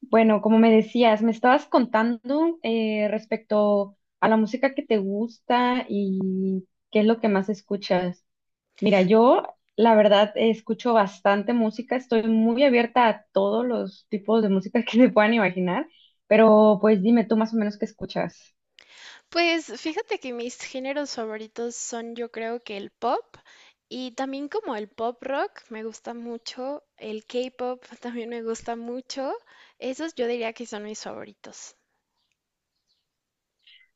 Bueno, como me decías, me estabas contando respecto a la música que te gusta y qué es lo que más escuchas. Mira, yo la verdad escucho bastante música, estoy muy abierta a todos los tipos de música que se puedan imaginar, pero pues dime tú más o menos qué escuchas. Pues fíjate que mis géneros favoritos son yo creo que el pop y también como el pop rock me gusta mucho, el K-pop también me gusta mucho, esos yo diría que son mis favoritos.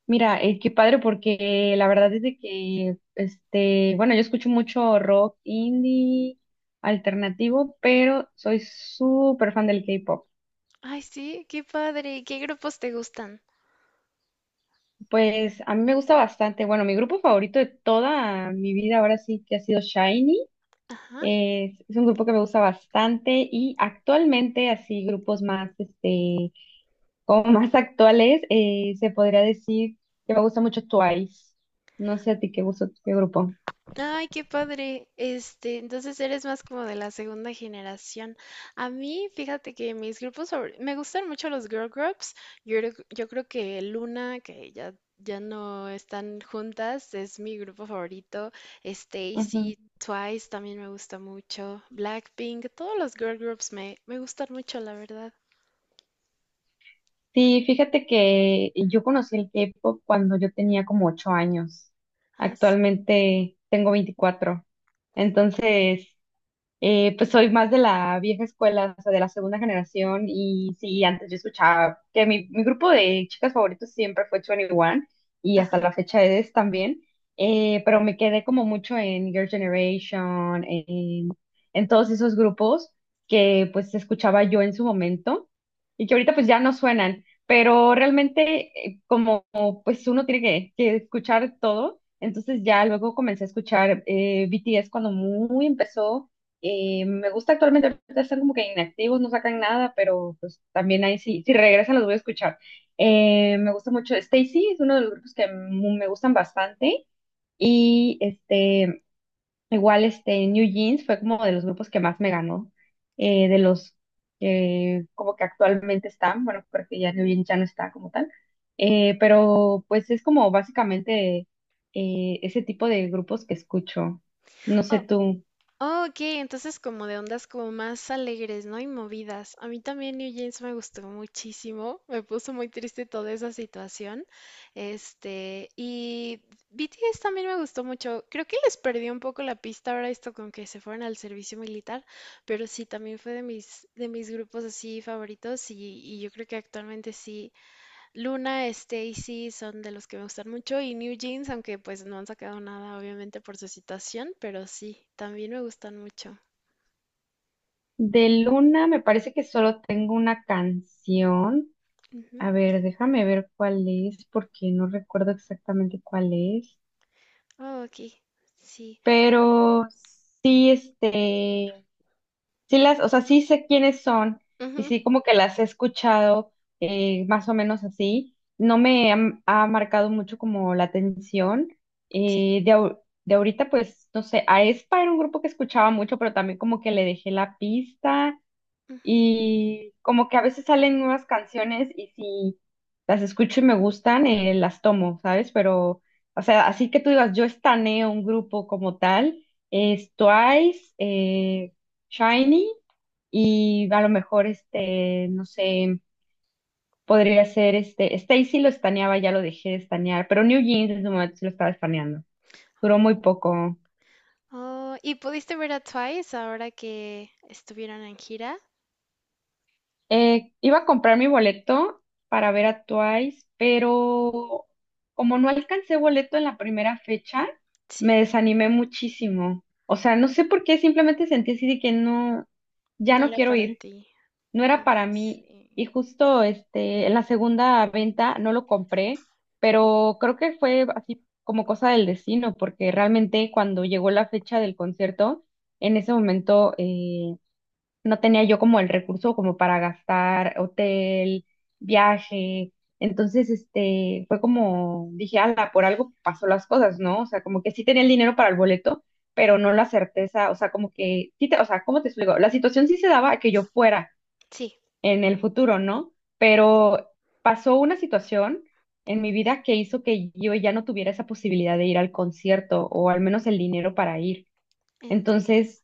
Mira, qué padre porque la verdad es de que, este, bueno, yo escucho mucho rock indie alternativo, pero soy súper fan del K-pop. Ay, sí, qué padre, ¿qué grupos te gustan? Pues a mí me gusta bastante. Bueno, mi grupo favorito de toda mi vida ahora sí que ha sido Shiny. Ajá. Es un grupo que me gusta bastante y actualmente así grupos más, este, como más actuales, se podría decir que me gusta mucho Twice. No sé a ti qué gusto, qué grupo. Ay, qué padre. Entonces eres más como de la segunda generación. A mí, fíjate que me gustan mucho los girl groups. Yo creo que Luna, que ya no están juntas, es mi grupo favorito. Ujú. Stacy, Twice también me gusta mucho. Blackpink, todos los girl groups me gustan mucho, la verdad. Sí, fíjate que yo conocí el K-pop cuando yo tenía como 8 años. Ah, sí. Actualmente tengo veinticuatro. Entonces, pues soy más de la vieja escuela, o sea, de la segunda generación. Y sí, antes yo escuchaba que mi grupo de chicas favoritos siempre fue 21 y hasta Ah. la fecha es también. Pero me quedé como mucho en Girl Generation, en todos esos grupos que pues escuchaba yo en su momento y que ahorita pues ya no suenan. Pero realmente como pues uno tiene que escuchar todo, entonces ya luego comencé a escuchar BTS cuando muy empezó. Me gusta actualmente, ahorita están como que inactivos, no sacan nada, pero pues también ahí sí, si regresan los voy a escuchar. Me gusta mucho, Stacy es uno de los grupos que me gustan bastante y este, igual este, New Jeans fue como de los grupos que más me ganó, de los que como que actualmente están, bueno, porque ya New Jeans ya no está como tal, pero pues es como básicamente ese tipo de grupos que escucho. No sé Oh. tú. Oh, ok, entonces como de ondas como más alegres, ¿no? Y movidas. A mí también New Jeans me gustó muchísimo. Me puso muy triste toda esa situación. Y BTS también me gustó mucho. Creo que les perdí un poco la pista ahora esto con que se fueron al servicio militar, pero sí, también fue de mis grupos así favoritos y yo creo que actualmente sí. Luna, Stacy son de los que me gustan mucho y New Jeans, aunque pues no han sacado nada obviamente por su situación, pero sí, también me gustan mucho. De Luna me parece que solo tengo una canción. Ujú. A ver, déjame ver cuál es, porque no recuerdo exactamente cuál es. Oh, ok, sí. Pero sí, este, sí las, o sea, sí sé quiénes son y Ujú, sí como que las he escuchado más o menos así. No me ha, ha marcado mucho como la atención. sí, De ahorita, pues, no sé, a Aespa era un grupo que escuchaba mucho, pero también como que le dejé la pista. ujú. Y como que a veces salen nuevas canciones y si las escucho y me gustan, las tomo, ¿sabes? Pero, o sea, así que tú digas, yo estaneo un grupo como tal, es Twice, Shiny y a lo mejor, este, no sé, podría ser, este, Stacy lo estaneaba, ya lo dejé de estanear, pero New Jeans en su momento sí lo estaba estaneando, duró Oh, muy poco. oh, ¿y pudiste ver a Twice ahora que estuvieron en gira? Iba a comprar mi boleto para ver a Twice, pero como no alcancé boleto en la primera fecha, me Sí, desanimé muchísimo. O sea, no sé por qué, simplemente sentí así de que no, ya no no era quiero para ir, ti. no era Oh, para mí. sí. Y justo este, en la segunda venta no lo compré, pero creo que fue así como cosa del destino, porque realmente cuando llegó la fecha del concierto, en ese momento no tenía yo como el recurso como para gastar hotel, viaje. Entonces, este, fue como, dije, ala, por algo pasó las cosas, ¿no? O sea, como que sí tenía el dinero para el boleto, pero no la certeza, o sea, como que, sí te, o sea, ¿cómo te explico? La situación sí se daba a que yo fuera Sí, en el futuro, ¿no? Pero pasó una situación en mi vida que hizo que yo ya no tuviera esa posibilidad de ir al concierto, o al menos el dinero para ir. entiendo. Entonces,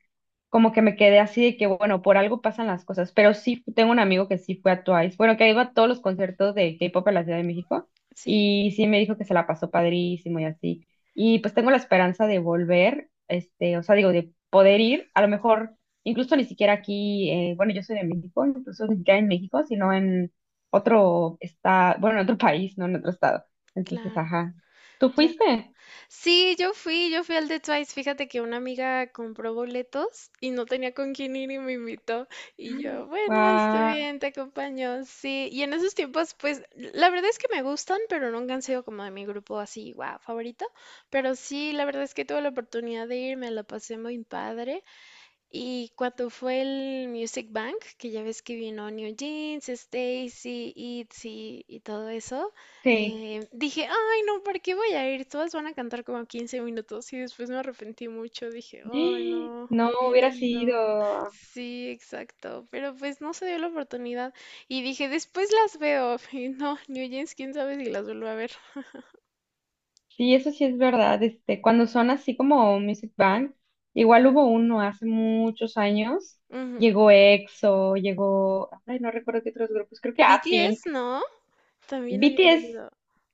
como que me quedé así de que, bueno, por algo pasan las cosas, pero sí tengo un amigo que sí fue a Twice, bueno, que ha ido a todos los conciertos de K-pop en la Ciudad de México Sí, y sí me dijo que se la pasó padrísimo y así. Y pues tengo la esperanza de volver, este, o sea, digo, de poder ir, a lo mejor incluso ni siquiera aquí, bueno, yo soy de México, incluso ni siquiera en México, sino en otro estado, bueno, en otro país, no en otro estado. Entonces, claro. ajá. ¿Tú Claro. fuiste? Sí, yo fui al de Twice. Fíjate que una amiga compró boletos y no tenía con quién ir y me invitó. Y yo, bueno, estoy Wow, bien, te acompaño. Sí, y en esos tiempos, pues, la verdad es que me gustan, pero nunca han sido como de mi grupo así, wow, favorito. Pero sí, la verdad es que tuve la oportunidad de ir, me la pasé muy padre. Y cuando fue el Music Bank, que ya ves que vino New Jeans, Stacy, ITZY y todo eso, sí. Dije, ay, no, ¿para qué voy a ir? Todas van a cantar como 15 minutos y después me arrepentí mucho. Dije, ay, ¡Ah! no, No hubiera hubiera sido. ido. Sí, exacto. Pero pues no se dio la oportunidad. Y dije, después las veo. Y no, New Jeans, quién sabe si las vuelvo a ver. Sí, eso sí es verdad. Este, cuando son así como Music Bank, igual hubo uno hace muchos años. Ujú. Llegó EXO, llegó, ay, no recuerdo qué otros grupos, creo que a Pink. BTS, no, también habían BTS venido.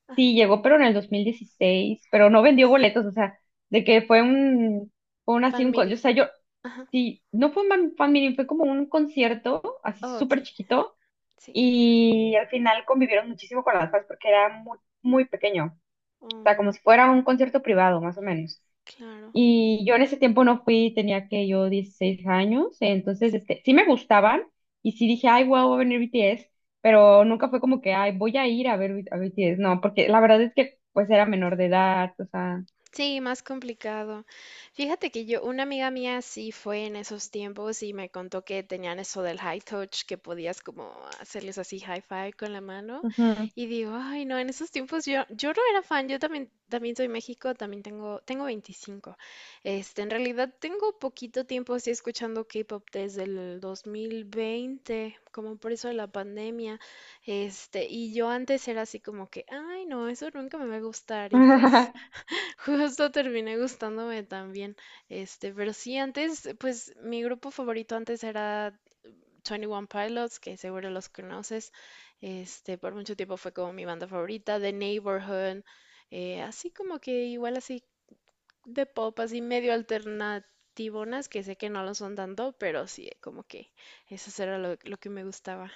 Ajá, sí llegó, pero en el 2016, pero no vendió pues, boletos, o sea, de que fue un así Fan un, o meeting. sea, yo, Ajá. sí, no fue un fan meeting, fue como un concierto así Oh, súper ok, chiquito. sí. Y al final convivieron muchísimo con las fans porque era muy, muy pequeño, o sea, Oh, como si fuera un concierto privado, más o menos. claro. Y yo en ese tiempo no fui, tenía que yo 16 años, entonces este, sí me gustaban y sí dije, ay, wow, va a venir BTS, pero nunca fue como que, ay, voy a ir a ver a BTS, no, porque la verdad es que pues era menor de edad, o sea. Sí, más complicado. Fíjate que yo, una amiga mía sí fue en esos tiempos y me contó que tenían eso del high touch, que podías como hacerles así high five con la mano. Ujú. Y digo, ay, no, en esos tiempos yo no era fan, yo también soy México, también tengo 25. En realidad tengo poquito tiempo así escuchando K-pop desde el 2020, como por eso de la pandemia. Y yo antes era así como que, ay, no, eso nunca me va a gustar y pues. Justo terminé gustándome también. Pero sí, antes, pues mi grupo favorito antes era Twenty One Pilots, que seguro los conoces. Por mucho tiempo fue como mi banda favorita, The Neighborhood, así como que igual así de pop, así medio alternativonas, que sé que no lo son tanto, pero sí, como que eso era lo que me gustaba.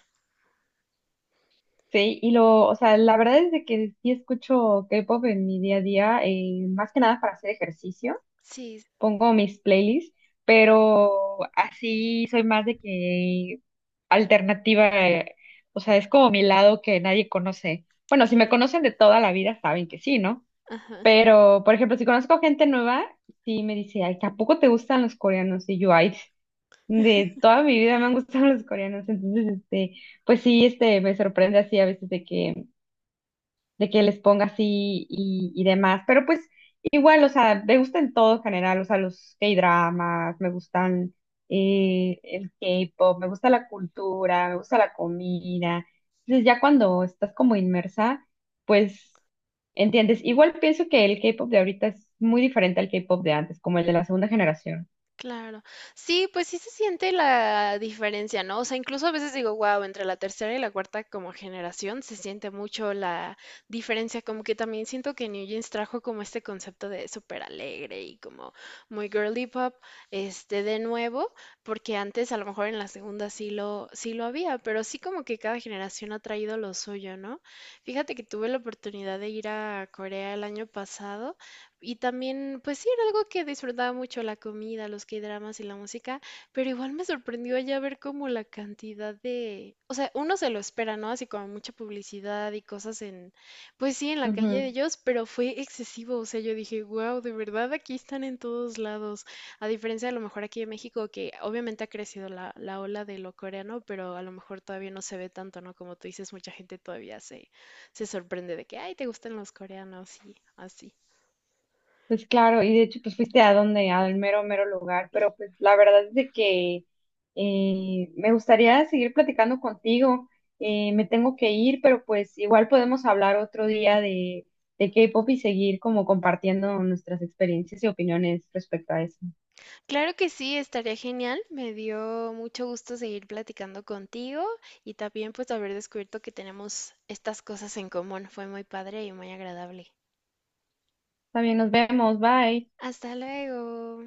Sí, y lo, o sea, la verdad es de que sí escucho K-pop en mi día a día, más que nada para hacer ejercicio. Sí, Pongo mis playlists, pero así soy más de que alternativa, o sea, es como mi lado que nadie conoce. Bueno, si me claro. conocen de toda la vida, saben que sí, ¿no? Ajá. Pero, por ejemplo, si conozco gente nueva, sí me dice, ay, ¿tampoco te gustan los coreanos? Y yo, ay, de toda mi vida me han gustado los coreanos. Entonces, este, pues sí, este, me sorprende así a veces de que les ponga así y demás. Pero pues igual, o sea, me gusta en todo en general, o sea, los K-dramas, me gustan el K-pop, me gusta la cultura, me gusta la comida. Entonces ya cuando estás como inmersa, pues entiendes. Igual pienso que el K-pop de ahorita es muy diferente al K-pop de antes, como el de la segunda generación. Claro. Sí, pues sí se siente la diferencia, ¿no? O sea, incluso a veces digo, wow, entre la tercera y la cuarta como generación se siente mucho la diferencia, como que también siento que New Jeans trajo como este concepto de súper alegre y como muy girly pop, de nuevo, porque antes a lo mejor en la segunda sí lo había, pero sí como que cada generación ha traído lo suyo, ¿no? Fíjate que tuve la oportunidad de ir a Corea el año pasado. Y también, pues sí, era algo que disfrutaba mucho, la comida, los K-dramas y la música, pero igual me sorprendió allá ver como la cantidad de, o sea, uno se lo espera, ¿no? Así como mucha publicidad y cosas en, pues sí, en la calle de ellos, pero fue excesivo, o sea, yo dije, wow, de verdad aquí están en todos lados, a diferencia de a lo mejor aquí en México, que obviamente ha crecido la ola de lo coreano, pero a lo mejor todavía no se ve tanto, ¿no? Como tú dices, mucha gente todavía se sorprende de que, ay, te gustan los coreanos y así. Pues claro, y de hecho, pues fuiste a donde, al mero, mero lugar, pero pues la verdad es de que me gustaría seguir platicando contigo. Me tengo que ir, pero pues igual podemos hablar otro día de K-pop y seguir como compartiendo nuestras experiencias y opiniones respecto a eso. Claro que sí, estaría genial. Me dio mucho gusto seguir platicando contigo y también pues haber descubierto que tenemos estas cosas en común. Fue muy padre y muy agradable. También nos vemos, bye. Hasta luego.